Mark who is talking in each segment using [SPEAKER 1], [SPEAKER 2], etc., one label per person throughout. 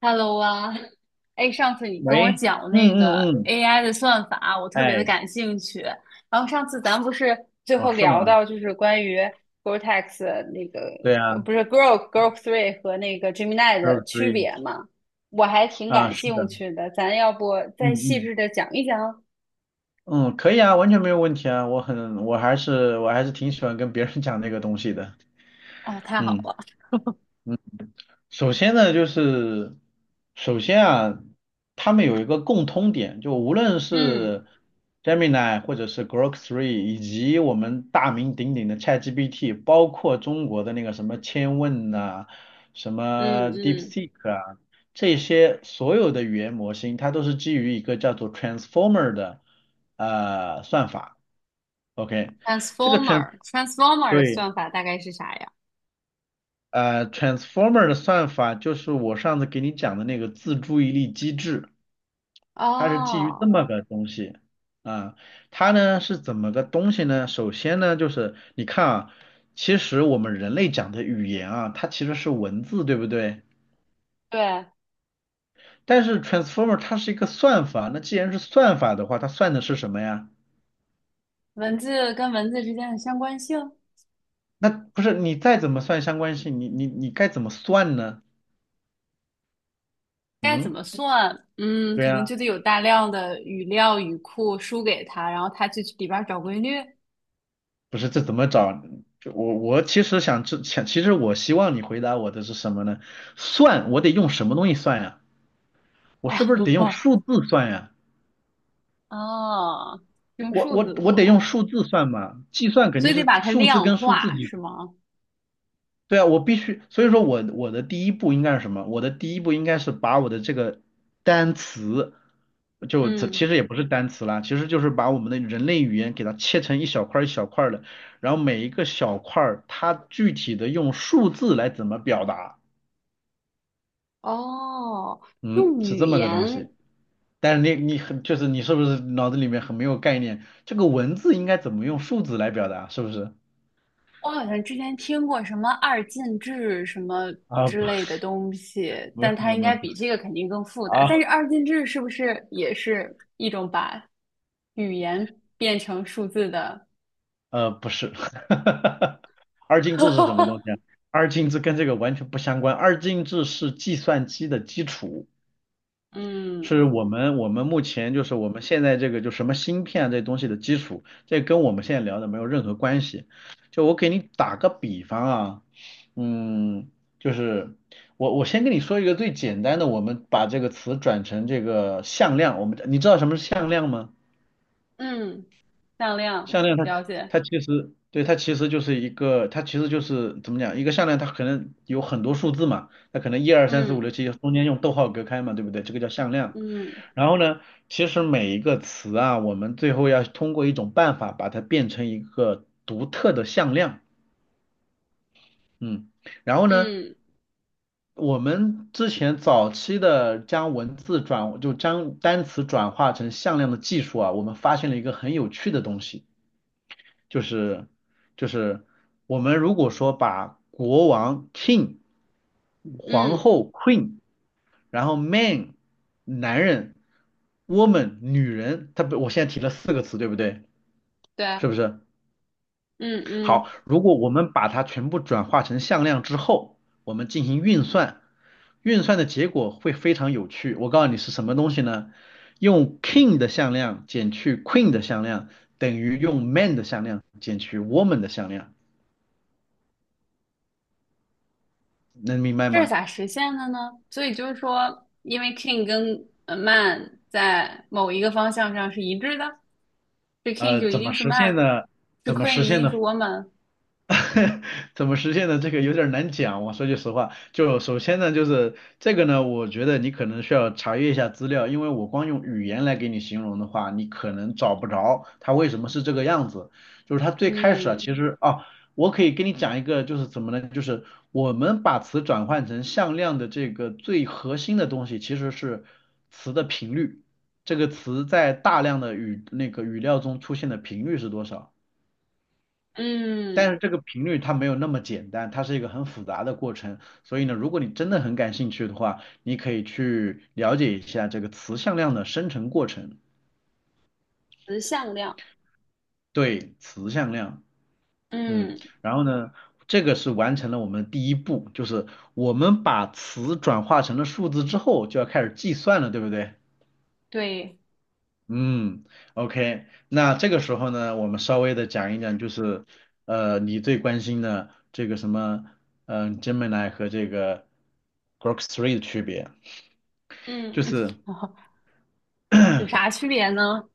[SPEAKER 1] Hello 啊。哎，上次你跟我
[SPEAKER 2] 喂，
[SPEAKER 1] 讲
[SPEAKER 2] 嗯
[SPEAKER 1] 那个
[SPEAKER 2] 嗯嗯，
[SPEAKER 1] AI 的算法，我特别的
[SPEAKER 2] 哎，
[SPEAKER 1] 感兴趣。然后上次咱不是最
[SPEAKER 2] 哦，
[SPEAKER 1] 后
[SPEAKER 2] 是吗？
[SPEAKER 1] 聊到就是关于 Gore-Tex 那个
[SPEAKER 2] 对啊
[SPEAKER 1] 呃不
[SPEAKER 2] s
[SPEAKER 1] 是 Grok Three 和那个 Gemini
[SPEAKER 2] t r o
[SPEAKER 1] 的
[SPEAKER 2] k r
[SPEAKER 1] 区
[SPEAKER 2] e e。
[SPEAKER 1] 别吗？我还挺
[SPEAKER 2] 啊，
[SPEAKER 1] 感
[SPEAKER 2] 是的，
[SPEAKER 1] 兴趣的，咱要不
[SPEAKER 2] 嗯
[SPEAKER 1] 再细
[SPEAKER 2] 嗯
[SPEAKER 1] 致的讲一讲？
[SPEAKER 2] 嗯，可以啊，完全没有问题啊，我还是挺喜欢跟别人讲这个东西的，
[SPEAKER 1] 哦，太好
[SPEAKER 2] 嗯。
[SPEAKER 1] 了。
[SPEAKER 2] 首先呢，首先啊，他们有一个共通点，就无论
[SPEAKER 1] 嗯
[SPEAKER 2] 是 Gemini 或者是 Grok 3,以及我们大名鼎鼎的 ChatGPT,包括中国的那个什么千问呐、什
[SPEAKER 1] 嗯
[SPEAKER 2] 么
[SPEAKER 1] 嗯
[SPEAKER 2] DeepSeek 啊，这些所有的语言模型，它都是基于一个叫做 Transformer 的算法。OK,这个 trans
[SPEAKER 1] Transformer，Transformer 的
[SPEAKER 2] 对。
[SPEAKER 1] 算法大概是啥呀？
[SPEAKER 2] Transformer 的算法就是我上次给你讲的那个自注意力机制，它是基于这
[SPEAKER 1] 哦，
[SPEAKER 2] 么个东西啊。它呢是怎么个东西呢？首先呢，就是你看啊，其实我们人类讲的语言啊，它其实是文字，对不对？
[SPEAKER 1] 对，
[SPEAKER 2] 但是 Transformer 它是一个算法，那既然是算法的话，它算的是什么呀？
[SPEAKER 1] 文字跟文字之间的相关性。
[SPEAKER 2] 那不是你再怎么算相关性，你该怎么算呢？
[SPEAKER 1] 该怎
[SPEAKER 2] 嗯，
[SPEAKER 1] 么算？嗯，
[SPEAKER 2] 对
[SPEAKER 1] 可能就
[SPEAKER 2] 呀。
[SPEAKER 1] 得有大量的语料语库输给他，然后他去里边儿找规律。
[SPEAKER 2] 不是这怎么找？就我其实想知想，其实我希望你回答我的是什么呢？算，我得用什么东西算呀？我是不是得用
[SPEAKER 1] 哦
[SPEAKER 2] 数字算呀？
[SPEAKER 1] 哦，用
[SPEAKER 2] 我
[SPEAKER 1] 数
[SPEAKER 2] 我
[SPEAKER 1] 字
[SPEAKER 2] 我
[SPEAKER 1] 算，
[SPEAKER 2] 得用数字算嘛？计算肯
[SPEAKER 1] 所
[SPEAKER 2] 定
[SPEAKER 1] 以得
[SPEAKER 2] 是
[SPEAKER 1] 把它
[SPEAKER 2] 数字
[SPEAKER 1] 量
[SPEAKER 2] 跟数字
[SPEAKER 1] 化，是吗？
[SPEAKER 2] 对啊，我必须，所以说我的第一步应该是什么？我的第一步应该是把我的这个单词，就这其
[SPEAKER 1] 嗯，
[SPEAKER 2] 实也不是单词啦，其实就是把我们的人类语言给它切成一小块儿一小块儿的，然后每一个小块儿它具体的用数字来怎么表达，
[SPEAKER 1] 哦，
[SPEAKER 2] 嗯，
[SPEAKER 1] 用
[SPEAKER 2] 是
[SPEAKER 1] 语
[SPEAKER 2] 这么个东
[SPEAKER 1] 言，
[SPEAKER 2] 西。但是你很就是你是不是脑子里面很没有概念？这个文字应该怎么用数字来表达？是不是？
[SPEAKER 1] 我好像之前听过什么二进制什么
[SPEAKER 2] 啊，不，
[SPEAKER 1] 之类的东西，
[SPEAKER 2] 没有
[SPEAKER 1] 但
[SPEAKER 2] 没
[SPEAKER 1] 它
[SPEAKER 2] 有
[SPEAKER 1] 应
[SPEAKER 2] 没有，
[SPEAKER 1] 该
[SPEAKER 2] 不
[SPEAKER 1] 比
[SPEAKER 2] 是
[SPEAKER 1] 这个肯定更复杂。但是
[SPEAKER 2] 啊。
[SPEAKER 1] 二进制是不是也是一种把语言变成数字的？
[SPEAKER 2] 不是，二进制是什么东 西啊？二进制跟这个完全不相关。二进制是计算机的基础，
[SPEAKER 1] 嗯
[SPEAKER 2] 是我们目前就是我们现在这个就什么芯片啊这东西的基础，这跟我们现在聊的没有任何关系。就我给你打个比方啊，嗯，就是我先跟你说一个最简单的，我们把这个词转成这个向量，我们你知道什么是向量吗？
[SPEAKER 1] 嗯，向量，
[SPEAKER 2] 项链它
[SPEAKER 1] 了解。
[SPEAKER 2] 它其实对它其实就是一个它其实就是怎么讲一个项链它可能有很多数字嘛，它可能一二三四五
[SPEAKER 1] 嗯
[SPEAKER 2] 六七中间用逗号隔开嘛，对不对？这个叫向量。
[SPEAKER 1] 嗯
[SPEAKER 2] 然后呢，其实每一个词啊，我们最后要通过一种办法把它变成一个独特的向量。嗯，然后呢，
[SPEAKER 1] 嗯
[SPEAKER 2] 我们之前早期的将文字转就将单词转化成向量的技术啊，我们发现了一个很有趣的东西。就是就是我们如果说把国王 king、皇
[SPEAKER 1] 嗯，
[SPEAKER 2] 后 queen,然后 man 男人、woman 女人，它不，我现在提了四个词，对不对？是
[SPEAKER 1] 对，
[SPEAKER 2] 不是？
[SPEAKER 1] 嗯嗯，
[SPEAKER 2] 好，如果我们把它全部转化成向量之后，我们进行运算，运算的结果会非常有趣。我告诉你是什么东西呢？用 king 的向量减去 queen 的向量，等于用 man 的向量减去 woman 的向量。能明白
[SPEAKER 1] 这是
[SPEAKER 2] 吗？
[SPEAKER 1] 咋实现的呢？所以就是说，因为 king 跟man 在某一个方向上是一致的，是 king 就一
[SPEAKER 2] 怎么
[SPEAKER 1] 定是
[SPEAKER 2] 实现
[SPEAKER 1] man,
[SPEAKER 2] 呢？
[SPEAKER 1] 是
[SPEAKER 2] 怎么
[SPEAKER 1] queen
[SPEAKER 2] 实
[SPEAKER 1] 一
[SPEAKER 2] 现
[SPEAKER 1] 定
[SPEAKER 2] 呢？
[SPEAKER 1] 是 woman。
[SPEAKER 2] 怎么实现的？这个有点儿难讲。我说句实话，就首先呢，就是这个呢，我觉得你可能需要查阅一下资料，因为我光用语言来给你形容的话，你可能找不着它为什么是这个样子。就是它最开始啊，
[SPEAKER 1] 嗯
[SPEAKER 2] 其实啊，我可以跟你讲一个，就是怎么呢？就是我们把词转换成向量的这个最核心的东西，其实是词的频率。这个词在大量的语那个语料中出现的频率是多少？但
[SPEAKER 1] 嗯，
[SPEAKER 2] 是这个频率它没有那么简单，它是一个很复杂的过程。所以呢，如果你真的很感兴趣的话，你可以去了解一下这个词向量的生成过程。
[SPEAKER 1] 词向量。
[SPEAKER 2] 对，词向量，嗯，
[SPEAKER 1] 嗯，
[SPEAKER 2] 然后呢，这个是完成了我们的第一步，就是我们把词转化成了数字之后，就要开始计算了，对不对？
[SPEAKER 1] 对，
[SPEAKER 2] 嗯，OK,那这个时候呢，我们稍微的讲一讲，就是你最关心的这个什么，嗯、Gemini 和这个 Grok 3的区别，
[SPEAKER 1] 嗯，
[SPEAKER 2] 就是
[SPEAKER 1] 有啥区别呢？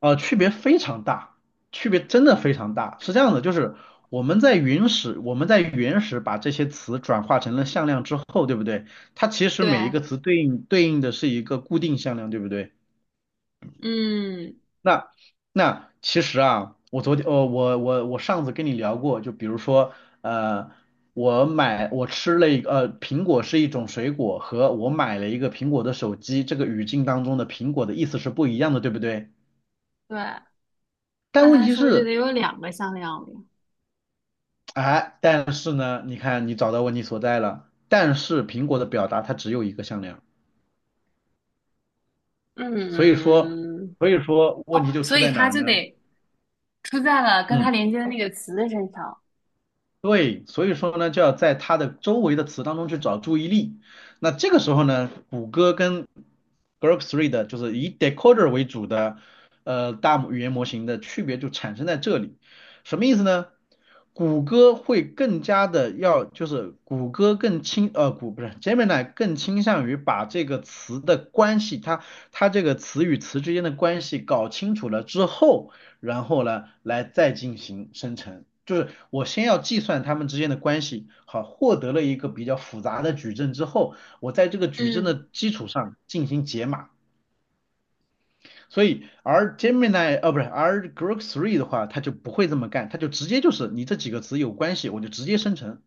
[SPEAKER 2] 区别非常大，区别真的非常大。是这样的，就是我们在原始把这些词转化成了向量之后，对不对？它其实每一
[SPEAKER 1] 对，
[SPEAKER 2] 个词对应的是一个固定向量，对不对？
[SPEAKER 1] 嗯，
[SPEAKER 2] 那那其实啊，我昨天呃我上次跟你聊过，就比如说呃我买我吃了一个呃苹果是一种水果，和我买了一个苹果的手机，这个语境当中的苹果的意思是不一样的，对不对？
[SPEAKER 1] 对。那
[SPEAKER 2] 但问
[SPEAKER 1] 他
[SPEAKER 2] 题
[SPEAKER 1] 是不是就
[SPEAKER 2] 是，
[SPEAKER 1] 得有两个向量了呀？
[SPEAKER 2] 哎，但是呢，你看你找到问题所在了，但是苹果的表达它只有一个向量，所以说
[SPEAKER 1] 嗯
[SPEAKER 2] 所以说问
[SPEAKER 1] 哦，
[SPEAKER 2] 题就
[SPEAKER 1] 所
[SPEAKER 2] 出
[SPEAKER 1] 以
[SPEAKER 2] 在哪
[SPEAKER 1] 它
[SPEAKER 2] 儿
[SPEAKER 1] 就
[SPEAKER 2] 呢？
[SPEAKER 1] 得出在了跟它
[SPEAKER 2] 嗯。
[SPEAKER 1] 连接的那个词的身上
[SPEAKER 2] 对，所以说呢，就要在它的周围的词当中去找注意力。那这个时候呢，谷歌跟 Grok e 的，就是以 decoder 为主的大语言模型的区别就产生在这里。什么意思呢？谷歌会更加的要，就是谷歌更倾呃谷不是 Gemini 更倾向于把这个词的关系，它这个词与词之间的关系搞清楚了之后。然后呢来再进行生成。就是我先要计算它们之间的关系，好，获得了一个比较复杂的矩阵之后，我在这个矩阵的
[SPEAKER 1] 嗯
[SPEAKER 2] 基础上进行解码。所以，而 Gemini 呃、啊不是，而 Grok Three 的话，它就不会这么干，它就直接就是你这几个词有关系，我就直接生成，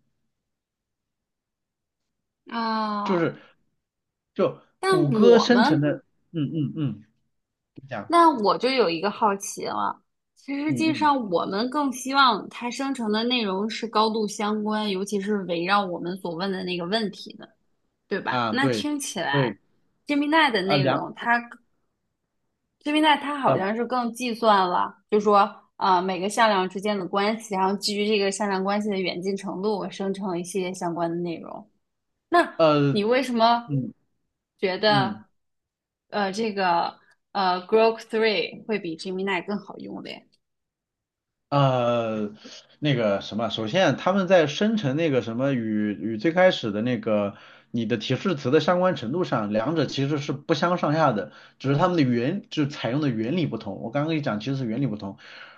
[SPEAKER 2] 就
[SPEAKER 1] 啊。
[SPEAKER 2] 是就
[SPEAKER 1] 但
[SPEAKER 2] 谷歌
[SPEAKER 1] 我
[SPEAKER 2] 生成
[SPEAKER 1] 们，
[SPEAKER 2] 的，嗯嗯嗯，你讲，
[SPEAKER 1] 那我就有一个好奇了。其实
[SPEAKER 2] 嗯
[SPEAKER 1] 际
[SPEAKER 2] 嗯
[SPEAKER 1] 上，我们更希望它生成的内容是高度相关，尤其是围绕我们所问的那个问题的，对吧？
[SPEAKER 2] 啊
[SPEAKER 1] 那
[SPEAKER 2] 对
[SPEAKER 1] 听起来
[SPEAKER 2] 对
[SPEAKER 1] ，Gemini 的
[SPEAKER 2] 啊
[SPEAKER 1] 内
[SPEAKER 2] 两
[SPEAKER 1] 容它 c i n e t 它好
[SPEAKER 2] 呃
[SPEAKER 1] 像是更计算了，就说每个向量之间的关系，然后基于这个向量关系的远近程度，我生成一些相关的内容。那
[SPEAKER 2] 呃
[SPEAKER 1] 你为什么
[SPEAKER 2] 嗯
[SPEAKER 1] 觉
[SPEAKER 2] 嗯。
[SPEAKER 1] 得这个Grok Three 会比 Gemini 更好用嘞？
[SPEAKER 2] 呃，那个什么，首先他们在生成那个什么与最开始的那个你的提示词的相关程度上，两者其实是不相上下的，只是他们的采用的原理不同。我刚刚跟你讲，其实是原理不同。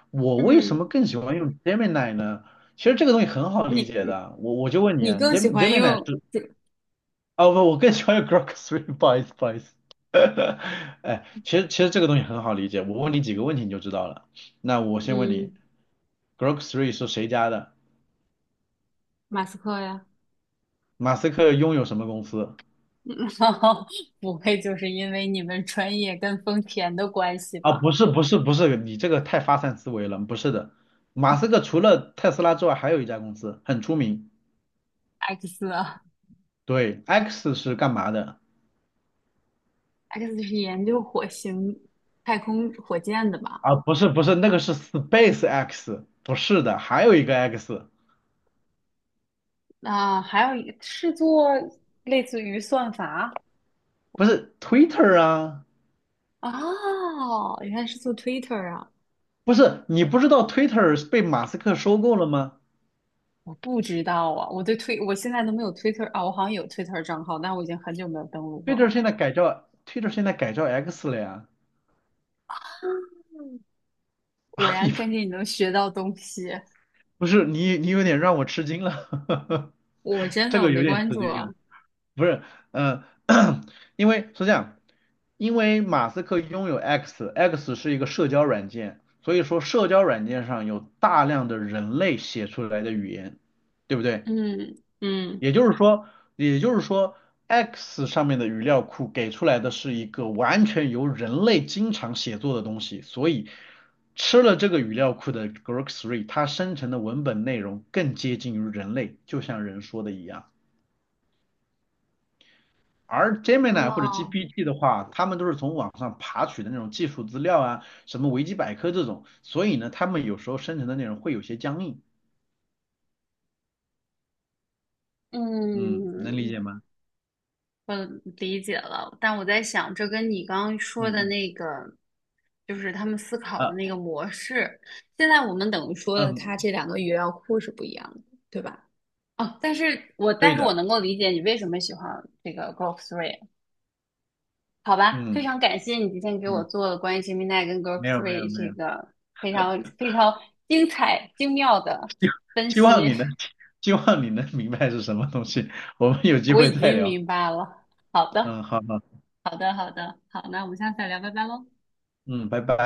[SPEAKER 2] 我为什
[SPEAKER 1] 嗯，
[SPEAKER 2] 么更喜欢用 Gemini 呢？其实这个东西很好理
[SPEAKER 1] 你
[SPEAKER 2] 解
[SPEAKER 1] 你
[SPEAKER 2] 的，我就问你
[SPEAKER 1] 你
[SPEAKER 2] 啊，
[SPEAKER 1] 更喜欢
[SPEAKER 2] Gemini
[SPEAKER 1] 用
[SPEAKER 2] 是啊不，我更喜欢用 Grok Three,不好意思不好意思。哎，其实这个东西很好理解，我问你几个问题你就知道了。那我先问
[SPEAKER 1] 嗯，
[SPEAKER 2] 你。Grok 3是谁家的？
[SPEAKER 1] 马斯克呀，
[SPEAKER 2] 马斯克拥有什么公司？
[SPEAKER 1] 不会就是因为你们专业跟丰田的关系
[SPEAKER 2] 啊，
[SPEAKER 1] 吧
[SPEAKER 2] 不是，你这个太发散思维了，不是的。马斯克除了特斯拉之外，还有一家公司很出名。
[SPEAKER 1] ？X 啊。
[SPEAKER 2] 对，X 是干嘛的？
[SPEAKER 1] X 是研究火星太空火箭的吧？
[SPEAKER 2] 啊，不是不是，那个是 Space X,不是的，还有一个 X,
[SPEAKER 1] 那、还有一是做类似于算法
[SPEAKER 2] 不是 Twitter 啊，
[SPEAKER 1] 哦，原来是做 Twitter 啊，
[SPEAKER 2] 不是，你不知道 Twitter 是被马斯克收购了吗
[SPEAKER 1] 我不知道啊，我对推我现在都没有 Twitter 啊，我好像有 Twitter 账号，但我已经很久没有登录过
[SPEAKER 2] ？Twitter 现
[SPEAKER 1] 了。
[SPEAKER 2] 在改叫 Twitter 现在改叫 X 了呀。
[SPEAKER 1] 果
[SPEAKER 2] 啊，
[SPEAKER 1] 然
[SPEAKER 2] 你
[SPEAKER 1] 跟着你能学到东西，
[SPEAKER 2] 不是你，你有点让我吃惊了，
[SPEAKER 1] 我真
[SPEAKER 2] 这
[SPEAKER 1] 的我
[SPEAKER 2] 个有
[SPEAKER 1] 没
[SPEAKER 2] 点
[SPEAKER 1] 关
[SPEAKER 2] 吃
[SPEAKER 1] 注
[SPEAKER 2] 惊
[SPEAKER 1] 啊。
[SPEAKER 2] 了。不是，嗯、因为是这样，因为马斯克拥有 X，X 是一个社交软件，所以说社交软件上有大量的人类写出来的语言，对不对？
[SPEAKER 1] 嗯嗯，
[SPEAKER 2] 也就是说，也就是说，X 上面的语料库给出来的是一个完全由人类经常写作的东西，所以吃了这个语料库的 Grok Three,它生成的文本内容更接近于人类，就像人说的一样。而 Gemini 或者
[SPEAKER 1] 哦，
[SPEAKER 2] GPT 的话，他们都是从网上爬取的那种技术资料啊，什么维基百科这种，所以呢，他们有时候生成的内容会有些僵硬。嗯，能理
[SPEAKER 1] 嗯，
[SPEAKER 2] 解吗？
[SPEAKER 1] 我理解了，但我在想，这跟你刚刚
[SPEAKER 2] 嗯
[SPEAKER 1] 说的
[SPEAKER 2] 嗯，
[SPEAKER 1] 那个，就是他们思考的
[SPEAKER 2] 呃
[SPEAKER 1] 那个模式，现在我们等于说了，
[SPEAKER 2] 嗯，
[SPEAKER 1] 它这两个语料库是不一样的，对吧？哦，但
[SPEAKER 2] 对
[SPEAKER 1] 是我
[SPEAKER 2] 的，
[SPEAKER 1] 能够理解你为什么喜欢这个 Grok Three,好吧？非
[SPEAKER 2] 嗯
[SPEAKER 1] 常感谢你今天给我
[SPEAKER 2] 嗯。
[SPEAKER 1] 做了关于 Gemini 跟 Grok
[SPEAKER 2] 没有没有
[SPEAKER 1] Three
[SPEAKER 2] 没
[SPEAKER 1] 这
[SPEAKER 2] 有，
[SPEAKER 1] 个非常非常精彩精妙的分
[SPEAKER 2] 希
[SPEAKER 1] 析，
[SPEAKER 2] 望你能 希望你能明白是什么东西，我们有机
[SPEAKER 1] 我
[SPEAKER 2] 会
[SPEAKER 1] 已
[SPEAKER 2] 再
[SPEAKER 1] 经
[SPEAKER 2] 聊。
[SPEAKER 1] 明白了。好的，
[SPEAKER 2] 嗯，好好，
[SPEAKER 1] 好的，好，那我们下次再聊，拜拜喽。
[SPEAKER 2] 嗯，拜拜。